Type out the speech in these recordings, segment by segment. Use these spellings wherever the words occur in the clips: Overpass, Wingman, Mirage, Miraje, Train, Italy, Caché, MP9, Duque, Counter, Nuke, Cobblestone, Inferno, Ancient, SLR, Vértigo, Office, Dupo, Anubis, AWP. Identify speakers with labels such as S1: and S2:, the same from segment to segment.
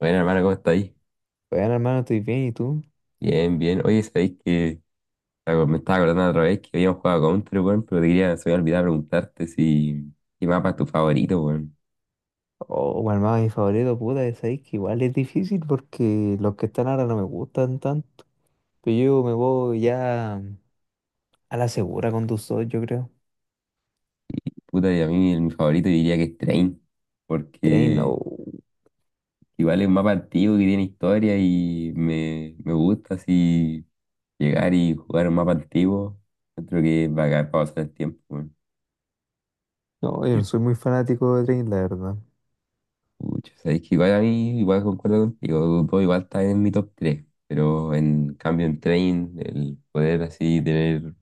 S1: Bueno, hermano, ¿cómo está ahí?
S2: Bueno, hermano, estoy bien, ¿y tú?
S1: Bien, bien. Oye, sabéis que me estaba acordando otra vez que habíamos jugado a Counter, weón, pero te quería, se me había olvidado preguntarte si qué mapa es tu favorito, weón.
S2: Oh, hermano, mi favorito, puta, es ahí que igual es difícil porque los que están ahora no me gustan tanto. Pero yo me voy ya a la segura con tus dos, yo creo.
S1: Puta, y a mí mi favorito diría que es Train,
S2: Train,
S1: porque
S2: oh,
S1: igual es un mapa antiguo que tiene historia y me gusta así llegar y jugar un mapa antiguo. Creo que es bacán para pasar el tiempo, weón.
S2: no, yo no soy muy fanático de Train, la verdad.
S1: Pucha, sabéis que igual a mí, igual concuerdo contigo, Dupo igual está en mi top 3 pero en cambio en Train, el poder así tener,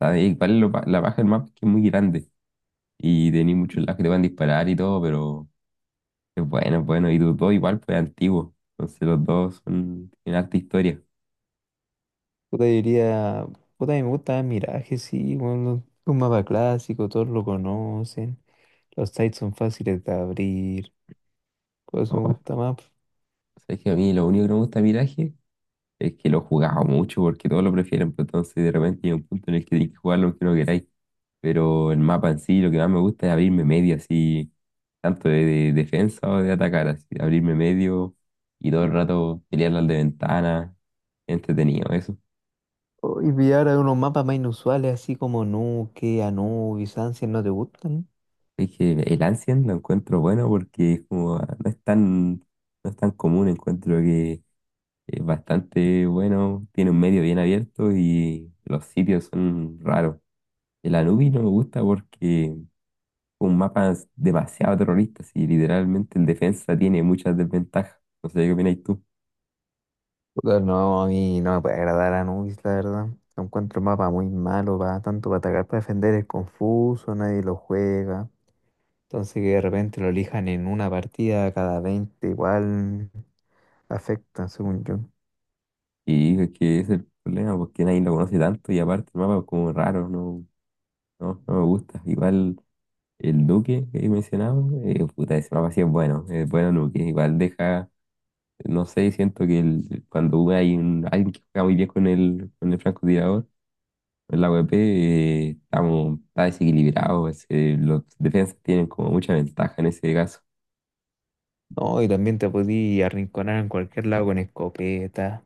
S1: ¿sabéis? Igual la baja del mapa es que es muy grande y tenéis muchos lados que te van a disparar y todo, pero es bueno, y Dupo igual fue antiguo, entonces los dos son, tienen harta historia.
S2: Puta, yo diría, puta, a mí me gusta Miraje, sí, bueno, un mapa clásico, todos lo conocen. Los sites son fáciles de abrir, por eso
S1: Oh,
S2: me gusta más.
S1: sabéis que a mí lo único que no me gusta de Mirage es que lo jugaba mucho porque todos lo prefieren, pero entonces de repente llega un punto en el que tenéis que jugarlo aunque no queráis. Pero el mapa en sí, lo que más me gusta es abrirme medio así, tanto de defensa o de atacar, así, abrirme medio y todo el rato pelear las de ventana, entretenido eso.
S2: Oh, y pillar unos mapas más inusuales, así como Nuke, Anubis, Ancient, ¿no te gustan?
S1: Es que el Ancient lo encuentro bueno porque es como, ah, no es tan común, encuentro que es bastante bueno, tiene un medio bien abierto y los sitios son raros. El Anubis no me gusta porque es un mapa demasiado terrorista, y literalmente el defensa tiene muchas desventajas. No sé qué opináis tú.
S2: Puta, no, a mí no me puede agradar Anubis, la verdad. Lo encuentro un mapa muy malo, va tanto para atacar, para defender, es confuso, nadie lo juega. Entonces que de repente lo elijan en una partida cada 20 igual afecta, según yo.
S1: Y es que ese es el problema, porque nadie lo conoce tanto y aparte el mapa es como raro, no, no, no me gusta. Igual el Duque que he mencionado, puta, ese mapa sí es bueno Duque. Igual deja, no sé, siento que cuando hay alguien que juega muy bien con el francotirador, en la AWP, está desequilibrado, los defensas tienen como mucha ventaja en ese caso.
S2: No, y también te podí arrinconar en cualquier lado con escopeta.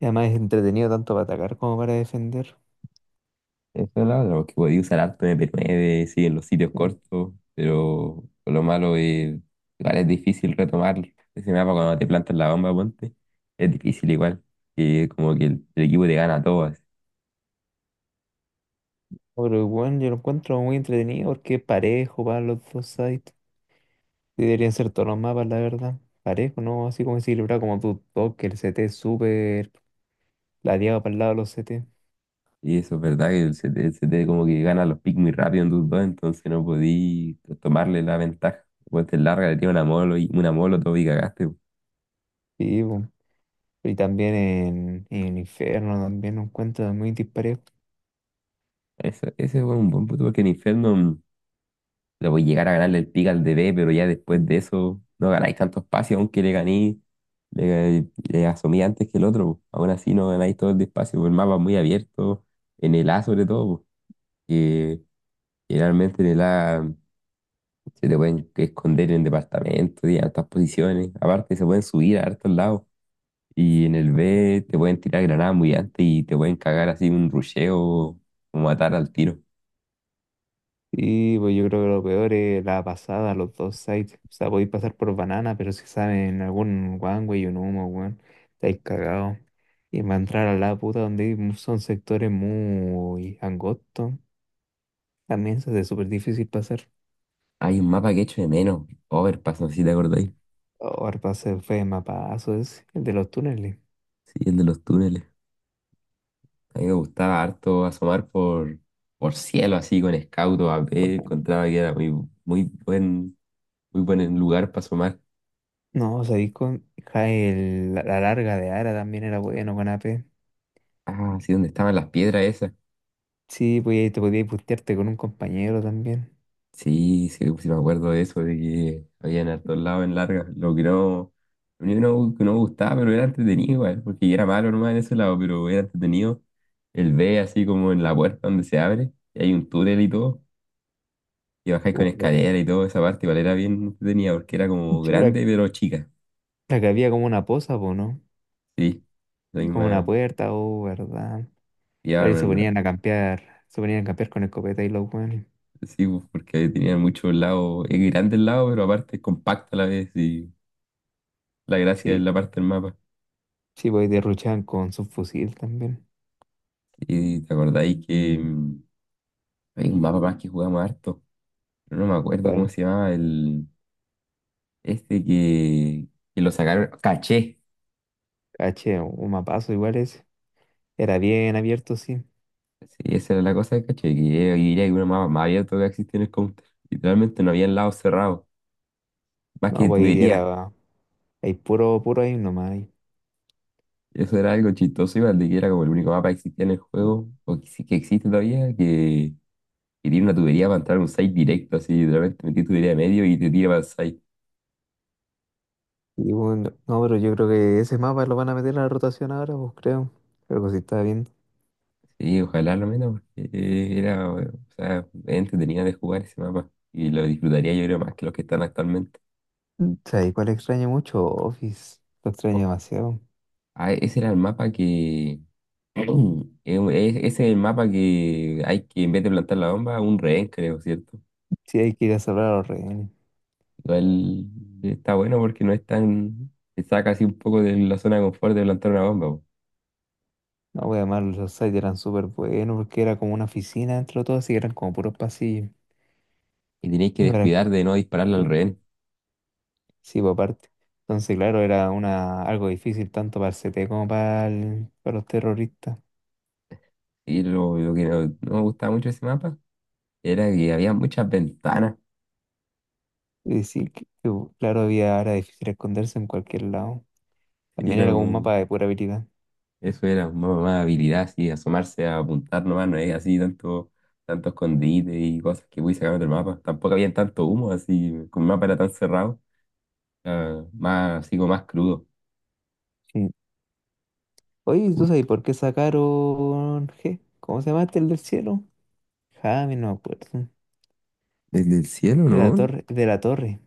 S2: Y además es entretenido tanto para atacar como para defender.
S1: Eso es la otra, porque podía usar harto MP9, sí, en los sitios
S2: Sí.
S1: cortos, pero lo malo es, igual es difícil retomar ese mapa cuando te plantas la bomba, ponte. Es difícil igual, que como que el equipo te gana a todas.
S2: Pero bueno, yo lo encuentro muy entretenido porque es parejo para los dos sides. Sí, deberían ser todos los mapas, la verdad. Parejo, ¿no? Así como equilibrado, como tu toque, el CT súper ladeado para el lado de los CT.
S1: Y eso es verdad, que se te como que gana los picks muy rápido en tus dos, entonces no podí tomarle la ventaja. Pues te larga, le tiras una molo y una molo todo y cagaste, pues.
S2: Sí, po. Y también en Inferno también un cuento muy disparejo.
S1: Eso, ese fue un buen punto, porque en Inferno le voy a llegar a ganarle el pick al D B pero ya después de eso no ganáis tanto espacio, aunque le ganéis. Le asomé antes que el otro, po. Aún así no ganáis todo el despacio, po. El mapa es muy abierto, en el A sobre todo, po, que generalmente en el A se te pueden esconder en departamentos y en altas posiciones. Aparte se pueden subir a hartos lados. Y en el B te pueden tirar granadas muy antes y te pueden cagar así un rusheo o matar al tiro.
S2: Y pues yo creo que lo peor es la pasada, los dos sites. O sea, podéis pasar por banana, pero si saben algún one way o un humo, weón, estáis cagados. Y va a entrar a la puta donde hay son sectores muy angostos. También se hace súper difícil pasar.
S1: Hay un mapa que echo de menos, Overpass, no sé si te acordáis.
S2: Oh, el pase fue mapazo, es el de los túneles.
S1: Sí, el de los túneles. A mí me gustaba harto asomar por cielo así con escauto a ver,
S2: Por favor.
S1: encontraba que era muy buen, muy buen lugar para asomar.
S2: No, o sea, ahí con ja, la larga de Ara también era bueno con AP.
S1: Ah, sí, donde estaban las piedras esas.
S2: Sí, pues ahí te podías putearte con un compañero también.
S1: Sí, sí, sí me acuerdo de eso, de que había en hartos lados en largas. Lo único que no me gustaba, pero era entretenido igual, porque yo era malo nomás en ese lado, pero era entretenido. El B así como en la puerta donde se abre, y hay un túnel y todo, y bajáis con
S2: Oh, verdad.
S1: escalera y todo, esa parte igual era bien entretenida, porque era
S2: Sí,
S1: como
S2: pero la,
S1: grande pero chica.
S2: la que había como una posa, po, ¿no?
S1: Sí, la
S2: Y como una
S1: misma.
S2: puerta, oh, verdad. Claro, y se
S1: Llevaban,
S2: ponían a campear, se ponían a campear con escopeta y los weones.
S1: sí, pues, porque tenían muchos lados. Es grande el lado, pero aparte es compacto a la vez. Y la gracia es
S2: Sí,
S1: la parte del mapa.
S2: sí, pues ahí derruchaban con su fusil también.
S1: Y te acordáis que hay un mapa más que jugamos harto. Pero no me acuerdo cómo
S2: Bueno,
S1: se llamaba el. Este que lo sacaron. Caché.
S2: caché, un mapazo igual ese. Era bien abierto, sí.
S1: Sí, esa era la cosa de caché. Que era uno mapa más abierto que existía en el counter. Literalmente no había lados cerrados. Más
S2: No,
S1: que
S2: pues ahí
S1: tuberías.
S2: era. Hay puro, puro ahí nomás. Ahí.
S1: Y eso era algo chistoso, igual de que era como el único mapa que existía en el juego, o que, sí que existe todavía, que tiene una tubería para entrar a un site directo, así, literalmente metí tubería de medio y te tira para el site.
S2: Y bueno, no, pero yo creo que ese mapa lo van a meter a la rotación ahora, pues creo. Creo que sí está bien.
S1: Sí, ojalá lo menos, porque o sea, entretenida de jugar ese mapa. Y lo disfrutaría yo creo más que los que están actualmente.
S2: ¿Sabes cuál extraño mucho? Office. Lo extraño
S1: Office.
S2: demasiado.
S1: Ah, ese era el mapa que... es- Ese es el mapa que hay que, en vez de plantar la bomba, un rehén, creo, ¿cierto?
S2: Sí, hay que ir a salvar a los rehenes.
S1: Igual está bueno porque no es tan. Te saca así un poco de la zona de confort de plantar una bomba, po.
S2: No, voy además los sites eran súper buenos porque era como una oficina dentro de todo, así que eran como puros pasillos.
S1: Y tenéis que
S2: Y para...
S1: descuidar de no dispararla al rehén.
S2: Sí, por aparte. Entonces, claro, era algo difícil tanto para el CT como para, para los terroristas.
S1: Y lo que no me gustaba mucho de ese mapa era que había muchas ventanas.
S2: Y sí, claro, había, era difícil esconderse en cualquier lado.
S1: Y
S2: También
S1: era
S2: era como un
S1: como.
S2: mapa de pura habilidad.
S1: Eso era más habilidad, así, asomarse a apuntar nomás, no es así tanto escondite y cosas que voy sacar del mapa. Tampoco había tanto humo, así, como el mapa era tan cerrado, era más, así como más crudo.
S2: Mm. Oye, ¿tú sabes por qué sacaron G? ¿Cómo se llama este, el del cielo? Jaime, no me acuerdo.
S1: Desde el cielo,
S2: De la
S1: ¿no?
S2: torre, de la torre.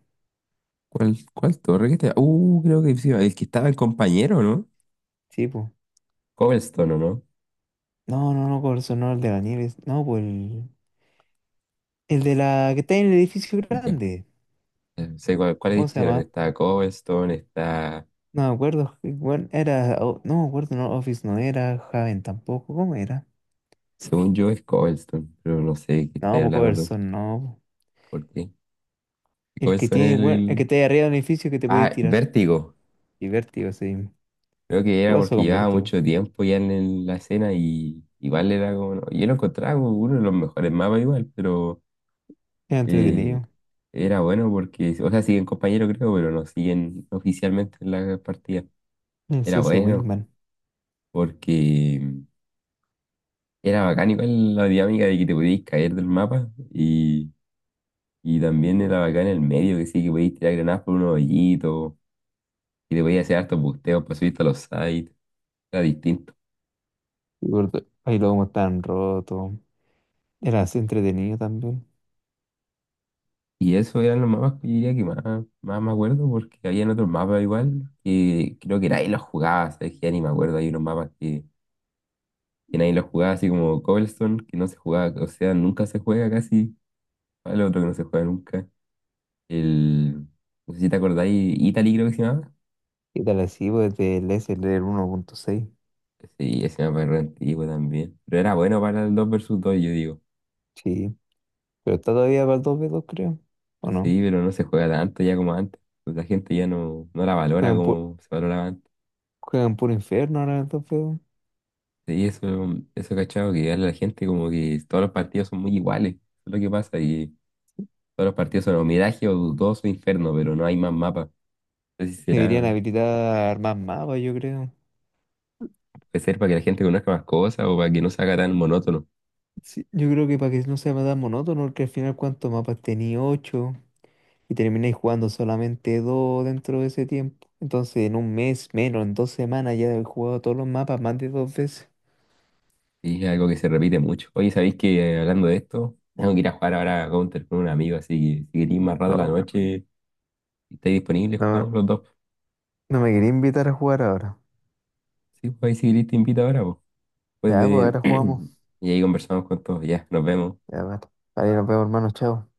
S1: ¿Cuál torre que te... creo que sí, el que estaba el compañero, ¿no?
S2: Sí, pues.
S1: Cobblestone, ¿o no?
S2: No, no, no, Corazón, no, el de la nieve. No, pues el de la que está en el edificio
S1: Ya,
S2: grande.
S1: sé cuál
S2: ¿Cómo se
S1: edificio eran.
S2: llama?
S1: Está Cobblestone, está...
S2: No me acuerdo. Bueno, era. O- no me acuerdo, no, Office no era. Javen tampoco. ¿Cómo era?
S1: Según yo es Cobblestone, pero no sé qué
S2: No,
S1: estás
S2: pues
S1: hablando tú.
S2: Corazón, no.
S1: ¿Por qué?
S2: El que
S1: Cobblestone es
S2: tiene,
S1: el...
S2: bueno, el que está ahí arriba del edificio que te puedes
S1: Ah,
S2: tirar.
S1: Vértigo.
S2: Y Vértigo, sí.
S1: Creo que
S2: ¿Qué
S1: era
S2: pasó
S1: porque
S2: con
S1: llevaba
S2: Vértigo?
S1: mucho tiempo ya en la escena y igual era como... No, yo lo encontraba como uno de los mejores mapas igual, pero...
S2: Era
S1: eh,
S2: entretenido.
S1: era bueno porque... O sea, siguen compañeros creo, pero no siguen oficialmente en la partida.
S2: Es
S1: Era
S2: ese
S1: bueno,
S2: Wingman.
S1: porque era bacán igual la dinámica de que te podías caer del mapa y también era bacán el medio, que sí, que podías tirar granadas por unos hoyitos y te podías hacer hartos busteos para subirte a los sites, era distinto.
S2: Y gordo, ay, luego como tan roto. Era así entretenido también.
S1: Y eso eran los mapas que yo diría que más me acuerdo porque había otros mapas igual que creo que nadie los jugaba, ¿sabes? Que ya ni me acuerdo, hay unos mapas que nadie los jugaba, así como Cobblestone, que no se jugaba, o sea, nunca se juega casi, el otro que no se juega nunca, el... No sé si te acordáis, Italy creo que se llamaba.
S2: Y tal así, pues del SLR 1.6.
S1: Sí, ese mapa es re antiguo también. Pero era bueno para el 2 versus dos yo digo.
S2: Sí. Pero está todavía para el 2v2, creo. ¿O no?
S1: Sí, pero no se juega tanto ya como antes. Pues la gente ya no la valora
S2: Juegan por,
S1: como se valoraba antes.
S2: juegan por infierno ahora el 2v2.
S1: Sí, eso cachado que a la gente como que todos los partidos son muy iguales. Eso es lo que pasa, y todos los partidos son o Mirage o Dudoso Inferno, pero no hay más mapas. No sé si
S2: Deberían
S1: será,
S2: habilitar más mapas, yo creo.
S1: puede ser para que la gente conozca más cosas o para que no se haga tan monótono.
S2: Sí, yo creo que para que no sea tan monótono, porque al final cuántos mapas tenía 8 y termináis jugando solamente 2 dentro de ese tiempo. Entonces en un mes menos, en 2 semanas ya he jugado todos los mapas más de dos veces.
S1: Y es algo que se repite mucho. Oye, ¿sabéis que hablando de esto, tengo que ir a jugar ahora a Counter con un amigo, así que si queréis más rato a la
S2: No.
S1: noche. Si estáis disponibles,
S2: No,
S1: jugamos los dos.
S2: no me quería invitar a jugar ahora.
S1: Sí, pues ahí si queréis te invito ahora, pues. Después
S2: Ya, pues ahora
S1: de...
S2: jugamos.
S1: Y ahí conversamos con todos, ya, nos vemos.
S2: Ya, vale. Vale, nos vemos, hermano. Chao.